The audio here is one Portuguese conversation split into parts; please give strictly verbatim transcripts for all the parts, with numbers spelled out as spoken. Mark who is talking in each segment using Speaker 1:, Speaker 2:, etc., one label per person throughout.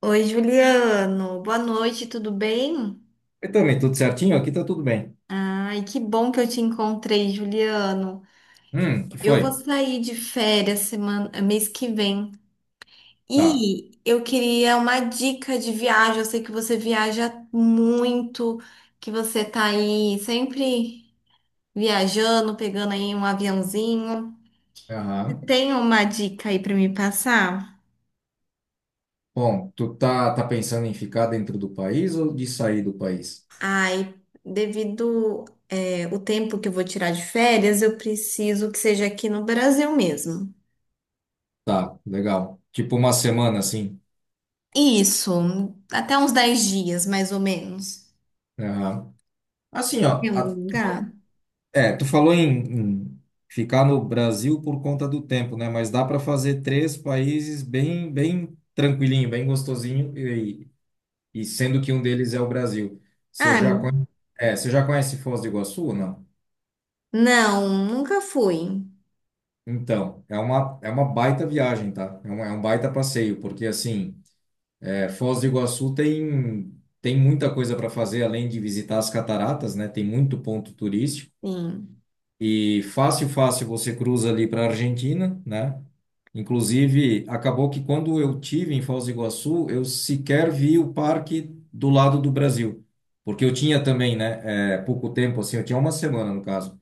Speaker 1: Oi, Juliano. Boa noite, tudo bem?
Speaker 2: Eu também, tudo certinho? Aqui tá tudo bem.
Speaker 1: Ai, que bom que eu te encontrei, Juliano.
Speaker 2: Hum, que
Speaker 1: Eu
Speaker 2: foi?
Speaker 1: vou sair de férias semana, mês que vem.
Speaker 2: Tá.
Speaker 1: E eu queria uma dica de viagem. Eu sei que você viaja muito, que você tá aí sempre viajando, pegando aí um aviãozinho. Você
Speaker 2: Aham.
Speaker 1: tem uma dica aí para me passar?
Speaker 2: Bom, tu tá, tá pensando em ficar dentro do país ou de sair do país?
Speaker 1: Ai, devido é, o tempo que eu vou tirar de férias, eu preciso que seja aqui no Brasil mesmo.
Speaker 2: Tá, legal. Tipo uma semana, assim.
Speaker 1: Isso, até uns dez dias, mais ou menos.
Speaker 2: Aham. Assim,
Speaker 1: Em
Speaker 2: ó.
Speaker 1: algum
Speaker 2: a-
Speaker 1: lugar?
Speaker 2: É, tu falou em, em ficar no Brasil por conta do tempo, né? Mas dá para fazer três países bem, bem tranquilinho, bem gostosinho, e, e sendo que um deles é o Brasil. Você
Speaker 1: Ah,
Speaker 2: já conhece, é, você já conhece Foz do Iguaçu ou não?
Speaker 1: não, nunca fui.
Speaker 2: Então, é uma, é uma baita viagem, tá? É um, é um baita passeio, porque assim, é, Foz do Iguaçu tem, tem muita coisa para fazer além de visitar as cataratas, né? Tem muito ponto turístico
Speaker 1: Sim.
Speaker 2: e fácil, fácil você cruza ali para a Argentina, né? Inclusive, acabou que quando eu tive em Foz do Iguaçu, eu sequer vi o parque do lado do Brasil, porque eu tinha também, né? é, pouco tempo, assim, eu tinha uma semana no caso.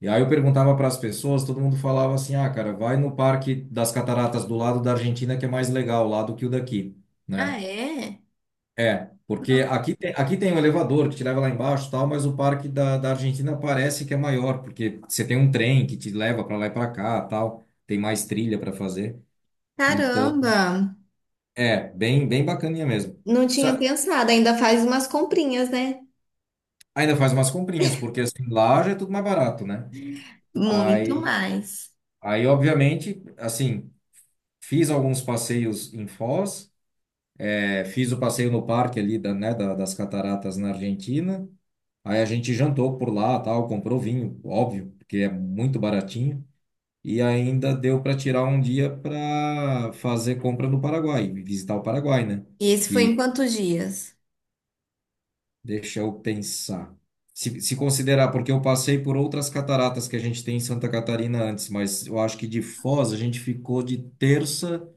Speaker 2: E aí eu perguntava para as pessoas, todo mundo falava assim: ah, cara, vai no Parque das Cataratas do lado da Argentina, que é mais legal lá do que o daqui,
Speaker 1: Ah,
Speaker 2: né?
Speaker 1: é?
Speaker 2: É, porque
Speaker 1: Não.
Speaker 2: aqui tem, aqui tem um elevador que te leva lá embaixo e tal, mas o Parque da, da Argentina parece que é maior, porque você tem um trem que te leva para lá e para cá, tal, tem mais trilha para fazer. Então,
Speaker 1: Caramba,
Speaker 2: é, bem, bem bacaninha mesmo.
Speaker 1: não tinha
Speaker 2: Só-
Speaker 1: pensado. Ainda faz umas comprinhas, né?
Speaker 2: Ainda faz umas comprinhas, porque assim, lá já é tudo mais barato, né?
Speaker 1: Muito
Speaker 2: Aí,
Speaker 1: mais.
Speaker 2: aí obviamente, assim, fiz alguns passeios em Foz. É, fiz o passeio no parque ali da, né, da- das cataratas na Argentina. Aí a gente jantou por lá, tal, comprou vinho, óbvio, porque é muito baratinho. E ainda deu para tirar um dia para fazer compra no Paraguai, visitar o Paraguai, né?
Speaker 1: E esse foi em quantos dias?
Speaker 2: Deixa eu pensar. Se, se considerar, porque eu passei por outras cataratas que a gente tem em Santa Catarina antes, mas eu acho que de Foz a gente ficou de terça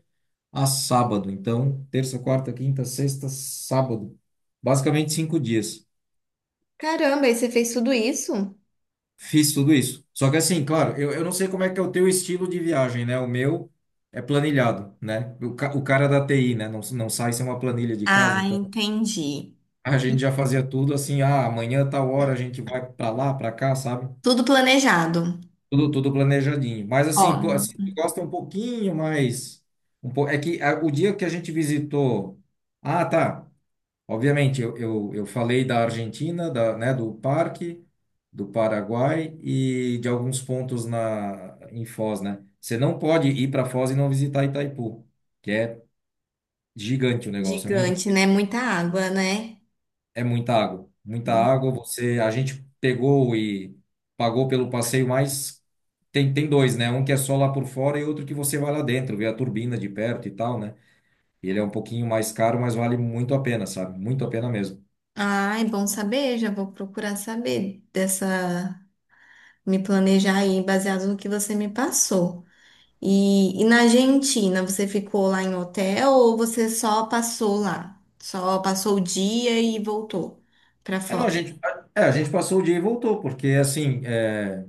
Speaker 2: a sábado. Então, terça, quarta, quinta, sexta, sábado. Basicamente cinco dias.
Speaker 1: Caramba, e você fez tudo isso?
Speaker 2: Fiz tudo isso. Só que assim, claro, eu, eu não sei como é que é o teu estilo de viagem, né? O meu é planilhado, né? O, ca- o cara da T I, né? Não, não sai sem uma planilha de casa,
Speaker 1: Ah,
Speaker 2: então
Speaker 1: entendi.
Speaker 2: a gente já fazia tudo assim, ah, amanhã tal hora a gente vai pra lá, pra cá, sabe?
Speaker 1: Tudo planejado.
Speaker 2: Tudo, tudo planejadinho. Mas
Speaker 1: Ó,
Speaker 2: assim, pô, assim, tu gosta um pouquinho mais. Um po... É que ah, o dia que a gente visitou. Ah, tá. Obviamente, eu, eu, eu falei da Argentina, da, né, do Parque, do Paraguai e de alguns pontos na, em Foz, né? Você não pode ir para Foz e não visitar Itaipu, que é gigante o negócio, é muito,
Speaker 1: gigante, né? Muita água, né?
Speaker 2: é muita água, muita água. Você, a gente pegou e pagou pelo passeio, mas tem, tem dois, né? Um que é só lá por fora e outro que você vai lá dentro, vê a turbina de perto e tal, né? Ele é um pouquinho mais caro, mas vale muito a pena, sabe? Muito a pena mesmo.
Speaker 1: Ah, é bom saber, já vou procurar saber dessa, me planejar aí baseado no que você me passou. E, e na Argentina, você ficou lá em hotel ou você só passou lá? Só passou o dia e voltou pra
Speaker 2: É, não,
Speaker 1: fora?
Speaker 2: a gente, é, a gente passou o dia e voltou, porque assim, é,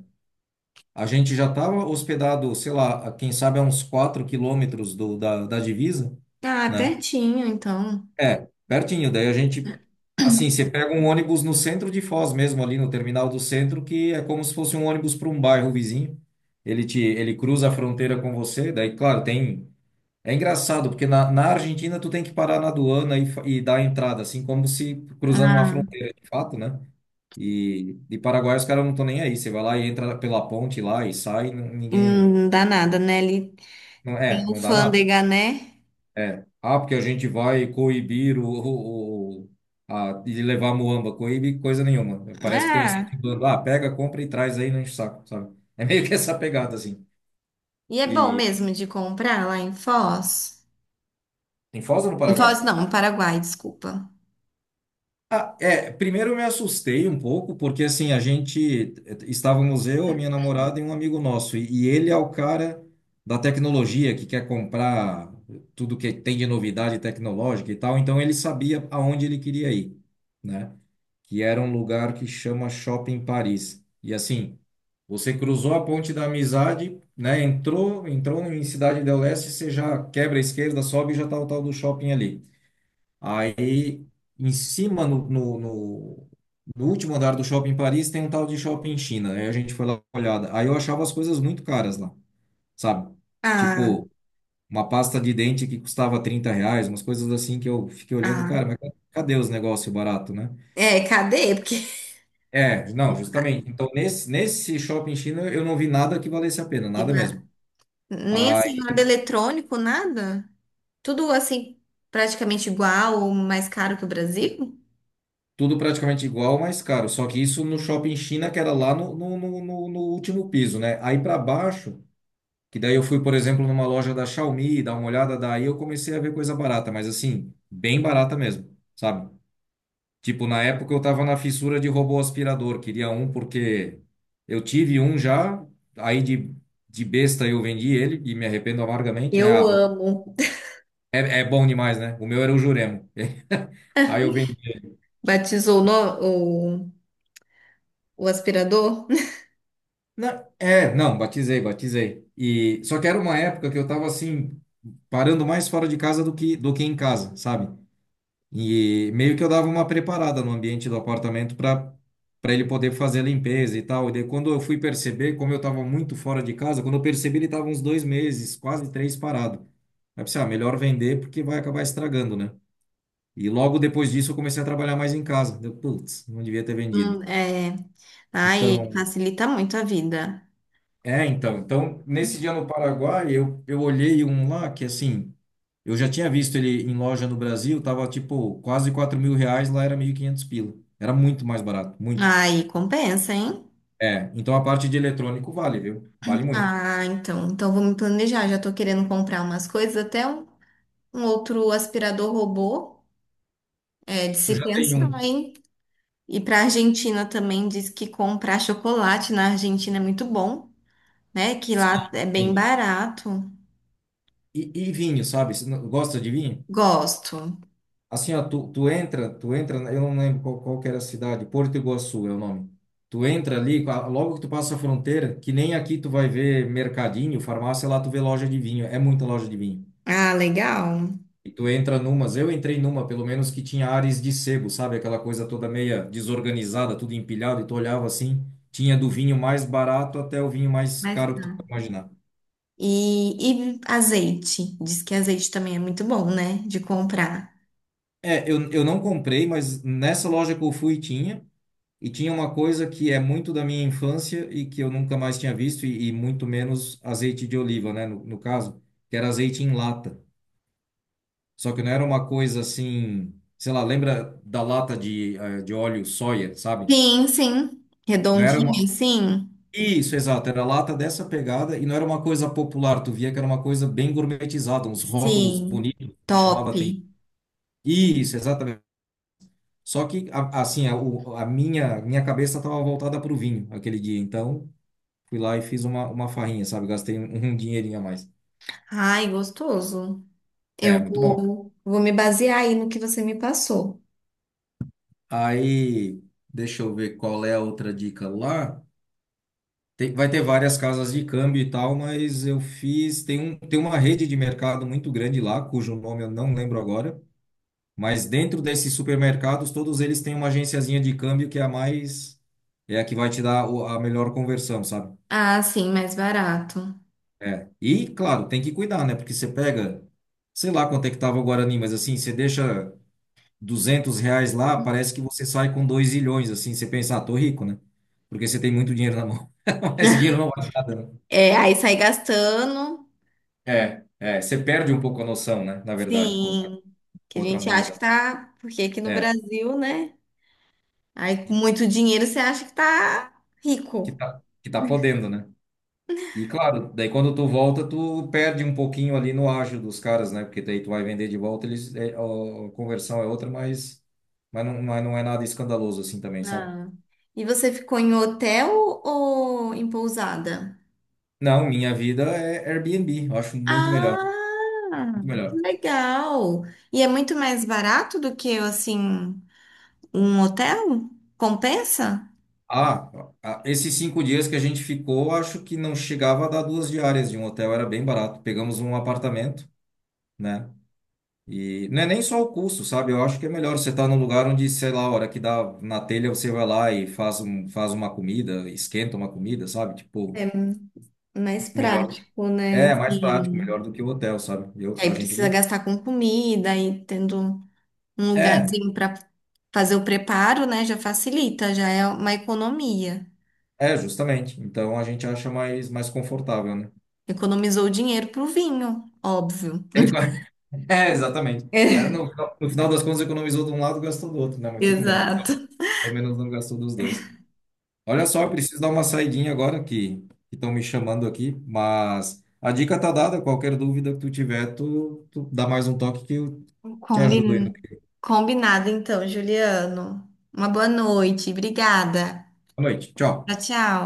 Speaker 2: a gente já estava hospedado, sei lá, a- quem sabe a uns quatro quilômetros do, da, da divisa,
Speaker 1: Ah,
Speaker 2: né?
Speaker 1: pertinho, então.
Speaker 2: É, pertinho. Daí a gente, assim, você pega um ônibus no centro de Foz mesmo, ali no terminal do centro, que é como se fosse um ônibus para um bairro vizinho. Ele te, ele cruza a fronteira com você, daí, claro, tem. É engraçado, porque na, na Argentina tu tem que parar na aduana e, fa- e dar a entrada, assim como se cruzando uma
Speaker 1: Ah,
Speaker 2: fronteira de fato, né? E, e Paraguai os caras não estão nem aí. Você vai lá e entra pela ponte lá e sai, n-
Speaker 1: e
Speaker 2: ninguém.
Speaker 1: não dá nada, né? Ele
Speaker 2: Não,
Speaker 1: tem
Speaker 2: é, não dá nada.
Speaker 1: alfândega, né?
Speaker 2: É. Ah, porque a gente vai coibir o, o, o- a, e levar a muamba. Coíbe coisa nenhuma. Parece que estão
Speaker 1: Ah,
Speaker 2: incentivando. Ah, pega, compra e traz aí, não enche o saco, sabe? É meio que essa pegada, assim.
Speaker 1: e é bom
Speaker 2: E
Speaker 1: mesmo de comprar lá em Foz?
Speaker 2: em Foz ou no
Speaker 1: Em
Speaker 2: Paraguai?
Speaker 1: Foz, não, no Paraguai, desculpa.
Speaker 2: Ah, é, primeiro eu me assustei um pouco, porque assim, a gente eh, estávamos eu, a minha namorada e um amigo nosso, e, e ele é o cara da tecnologia que quer comprar tudo que tem de novidade tecnológica e tal, então ele sabia aonde ele queria ir, né? Que era um lugar que chama Shopping Paris. E assim, você cruzou a ponte da amizade, né? Entrou, entrou em Cidade del Leste, você já quebra a esquerda, sobe e já tá o tal do shopping ali. Aí, em cima, no, no, no- no último andar do shopping Paris, tem um tal de shopping China. Aí a gente foi lá dar uma olhada. Aí eu achava as coisas muito caras lá, sabe?
Speaker 1: Ah,
Speaker 2: Tipo, uma pasta de dente que custava trinta reais, umas coisas assim que eu fiquei olhando, cara,
Speaker 1: ah.
Speaker 2: mas cadê os negócios baratos, né?
Speaker 1: É, cadê? Porque
Speaker 2: É, não, justamente. Então, nesse, nesse shopping China, eu não vi nada que valesse a pena, nada
Speaker 1: Riba-
Speaker 2: mesmo.
Speaker 1: nem assim,
Speaker 2: Aí,
Speaker 1: nada eletrônico, nada. Tudo assim, praticamente igual ou mais caro que o Brasil.
Speaker 2: tudo praticamente igual, mas caro. Só que isso no shopping China, que era lá no, no, no, no no último piso, né? Aí para baixo. Que daí eu fui, por exemplo, numa loja da Xiaomi, dar uma olhada, daí eu comecei a ver coisa barata, mas assim, bem barata mesmo, sabe? Tipo, na época eu tava na fissura de robô aspirador, queria um porque eu tive um já, aí de, de besta eu vendi ele e me arrependo amargamente. É, ah,
Speaker 1: Eu amo.
Speaker 2: é, é bom demais, né? O meu era o Juremo. Aí eu vendi.
Speaker 1: Batizou o, no- o, o aspirador.
Speaker 2: Não, é, não, batizei, batizei. E só que era uma época que eu tava assim, parando mais fora de casa do que do que em casa, sabe? E meio que eu dava uma preparada no ambiente do apartamento para para ele poder fazer a limpeza e tal. E daí, quando eu fui perceber, como eu estava muito fora de casa, quando eu percebi, ele estava uns dois meses, quase três parado. Aí eu pensei, ah, melhor vender porque vai acabar estragando, né? E logo depois disso eu comecei a trabalhar mais em casa. Deu, putz, não devia ter
Speaker 1: Hum,
Speaker 2: vendido.
Speaker 1: é. Ai,
Speaker 2: Então,
Speaker 1: facilita muito a vida.
Speaker 2: É, então, então, nesse dia no Paraguai, eu, eu olhei um lá que, assim, eu já tinha visto ele em loja no Brasil, tava, tipo, quase quatro mil reais, lá era mil e quinhentos pila. Era muito mais barato, muito.
Speaker 1: Aí compensa, hein?
Speaker 2: É, então a parte de eletrônico vale, viu? Vale muito.
Speaker 1: Ah, então, então vou me planejar. Já tô querendo comprar umas coisas, até um, um outro aspirador robô. É de
Speaker 2: Tu
Speaker 1: se
Speaker 2: já tem
Speaker 1: pensar,
Speaker 2: um.
Speaker 1: hein? E para a Argentina também diz que comprar chocolate na Argentina é muito bom, né? Que lá
Speaker 2: Sim,
Speaker 1: é bem
Speaker 2: sim.
Speaker 1: barato.
Speaker 2: E, e vinho, sabe? Você não- Gosta de vinho?
Speaker 1: Gosto.
Speaker 2: Assim, ó, tu, tu entra, tu entra, eu não lembro qual, qual que era a cidade, Porto Iguaçu é o nome. Tu entra ali, a- logo que tu passa a fronteira, que nem aqui tu vai ver mercadinho, farmácia, lá tu vê loja de vinho, é muita loja de vinho.
Speaker 1: Ah, legal.
Speaker 2: E tu entra numas, eu entrei numa, pelo menos, que tinha ares de sebo, sabe? Aquela coisa toda meia desorganizada, tudo empilhado, e tu olhava assim, tinha do vinho mais barato até o vinho mais
Speaker 1: Mas,
Speaker 2: caro que tu
Speaker 1: cara,
Speaker 2: pode imaginar.
Speaker 1: E, e azeite. Diz que azeite também é muito bom, né? De comprar.
Speaker 2: É, eu, eu não comprei, mas nessa loja que eu fui tinha. E tinha uma coisa que é muito da minha infância e que eu nunca mais tinha visto, e, e muito menos azeite de oliva, né? No, no caso, que era azeite em lata. Só que não era uma coisa assim, sei lá, lembra da lata de, eh, de óleo soia, sabe?
Speaker 1: Sim, sim.
Speaker 2: Não era Uhum.
Speaker 1: Redondinho,
Speaker 2: uma.
Speaker 1: sim.
Speaker 2: Isso, exato, era lata dessa pegada e não era uma coisa popular, tu via que era uma coisa bem gourmetizada, uns rótulos
Speaker 1: Sim.
Speaker 2: bonitos que chamava
Speaker 1: Top.
Speaker 2: atenção. Isso, exatamente. Só que, a- assim, a, o- a minha, minha cabeça estava voltada para o vinho aquele dia, então. Fui lá e fiz uma, uma farrinha, sabe? Gastei um, um dinheirinho a mais.
Speaker 1: Ai, gostoso.
Speaker 2: É,
Speaker 1: Eu
Speaker 2: muito bom.
Speaker 1: vou, vou me basear aí no que você me passou.
Speaker 2: Aí, deixa eu ver qual é a outra dica lá. Tem- vai ter várias casas de câmbio e tal, mas eu fiz. Tem um, tem uma rede de mercado muito grande lá, cujo nome eu não lembro agora. Mas dentro desses supermercados, todos eles têm uma agenciazinha de câmbio que é a mais. É a que vai te dar o- a melhor conversão, sabe?
Speaker 1: Ah, sim, mais barato.
Speaker 2: É. E, claro, tem que cuidar, né? Porque você pega. Sei lá quanto é que tava o Guarani, mas assim, você deixa. Duzentos reais lá, parece que você sai com dois milhões, assim, você pensa, ah, tô rico, né? Porque você tem muito dinheiro na mão. Mas esse dinheiro não vale nada, né?
Speaker 1: É, aí sai gastando.
Speaker 2: É, é, você perde um pouco a noção, né? Na verdade, com a-
Speaker 1: Sim, que
Speaker 2: com
Speaker 1: a
Speaker 2: outra
Speaker 1: gente acha que
Speaker 2: moeda.
Speaker 1: tá, porque aqui no
Speaker 2: É,
Speaker 1: Brasil, né? Aí
Speaker 2: e
Speaker 1: com muito dinheiro você acha que tá
Speaker 2: que
Speaker 1: rico.
Speaker 2: tá, que tá podendo, né? E claro, daí quando tu volta, tu perde um pouquinho ali no ágio dos caras, né? Porque daí tu vai vender de volta, eles, é, a conversão é outra, mas, mas, não, mas não é nada escandaloso assim também, sabe?
Speaker 1: Ah. E você ficou em hotel ou em pousada?
Speaker 2: Não, minha vida é Airbnb, eu acho muito melhor,
Speaker 1: Ah,
Speaker 2: muito
Speaker 1: que
Speaker 2: melhor.
Speaker 1: legal! E é muito mais barato do que assim um hotel? Compensa?
Speaker 2: Ah, ah, esses cinco dias que a gente ficou, acho que não chegava a dar duas diárias de um hotel, era bem barato. Pegamos um apartamento, né? E não é nem só o custo, sabe? Eu acho que é melhor você estar num lugar onde, sei lá, a hora que dá na telha, você vai lá e faz, um, faz uma comida, esquenta uma comida, sabe? Tipo,
Speaker 1: Mais
Speaker 2: melhor.
Speaker 1: prático, né?
Speaker 2: É, mais prático,
Speaker 1: Assim,
Speaker 2: melhor do que o hotel, sabe? Eu,
Speaker 1: aí
Speaker 2: a gente
Speaker 1: precisa
Speaker 2: gosta.
Speaker 1: gastar com comida e tendo um
Speaker 2: É,
Speaker 1: lugarzinho para fazer o preparo, né? Já facilita, já é uma economia.
Speaker 2: é, justamente. Então a gente acha mais, mais confortável, né?
Speaker 1: Economizou dinheiro pro vinho, óbvio.
Speaker 2: É, exatamente. É, no, no final das contas, economizou de um lado, gastou do outro, né? Mas tudo bem.
Speaker 1: Exato.
Speaker 2: Pelo menos não gastou dos dois. Olha só, eu preciso dar uma saidinha agora que estão me chamando aqui, mas a dica tá dada. Qualquer dúvida que tu tiver, tu, tu dá mais um toque que eu te ajudo aí no
Speaker 1: Combi-
Speaker 2: que.
Speaker 1: combinado, então, Juliano. Uma boa noite. Obrigada.
Speaker 2: Boa noite.
Speaker 1: Tchau,
Speaker 2: Tchau.
Speaker 1: tchau.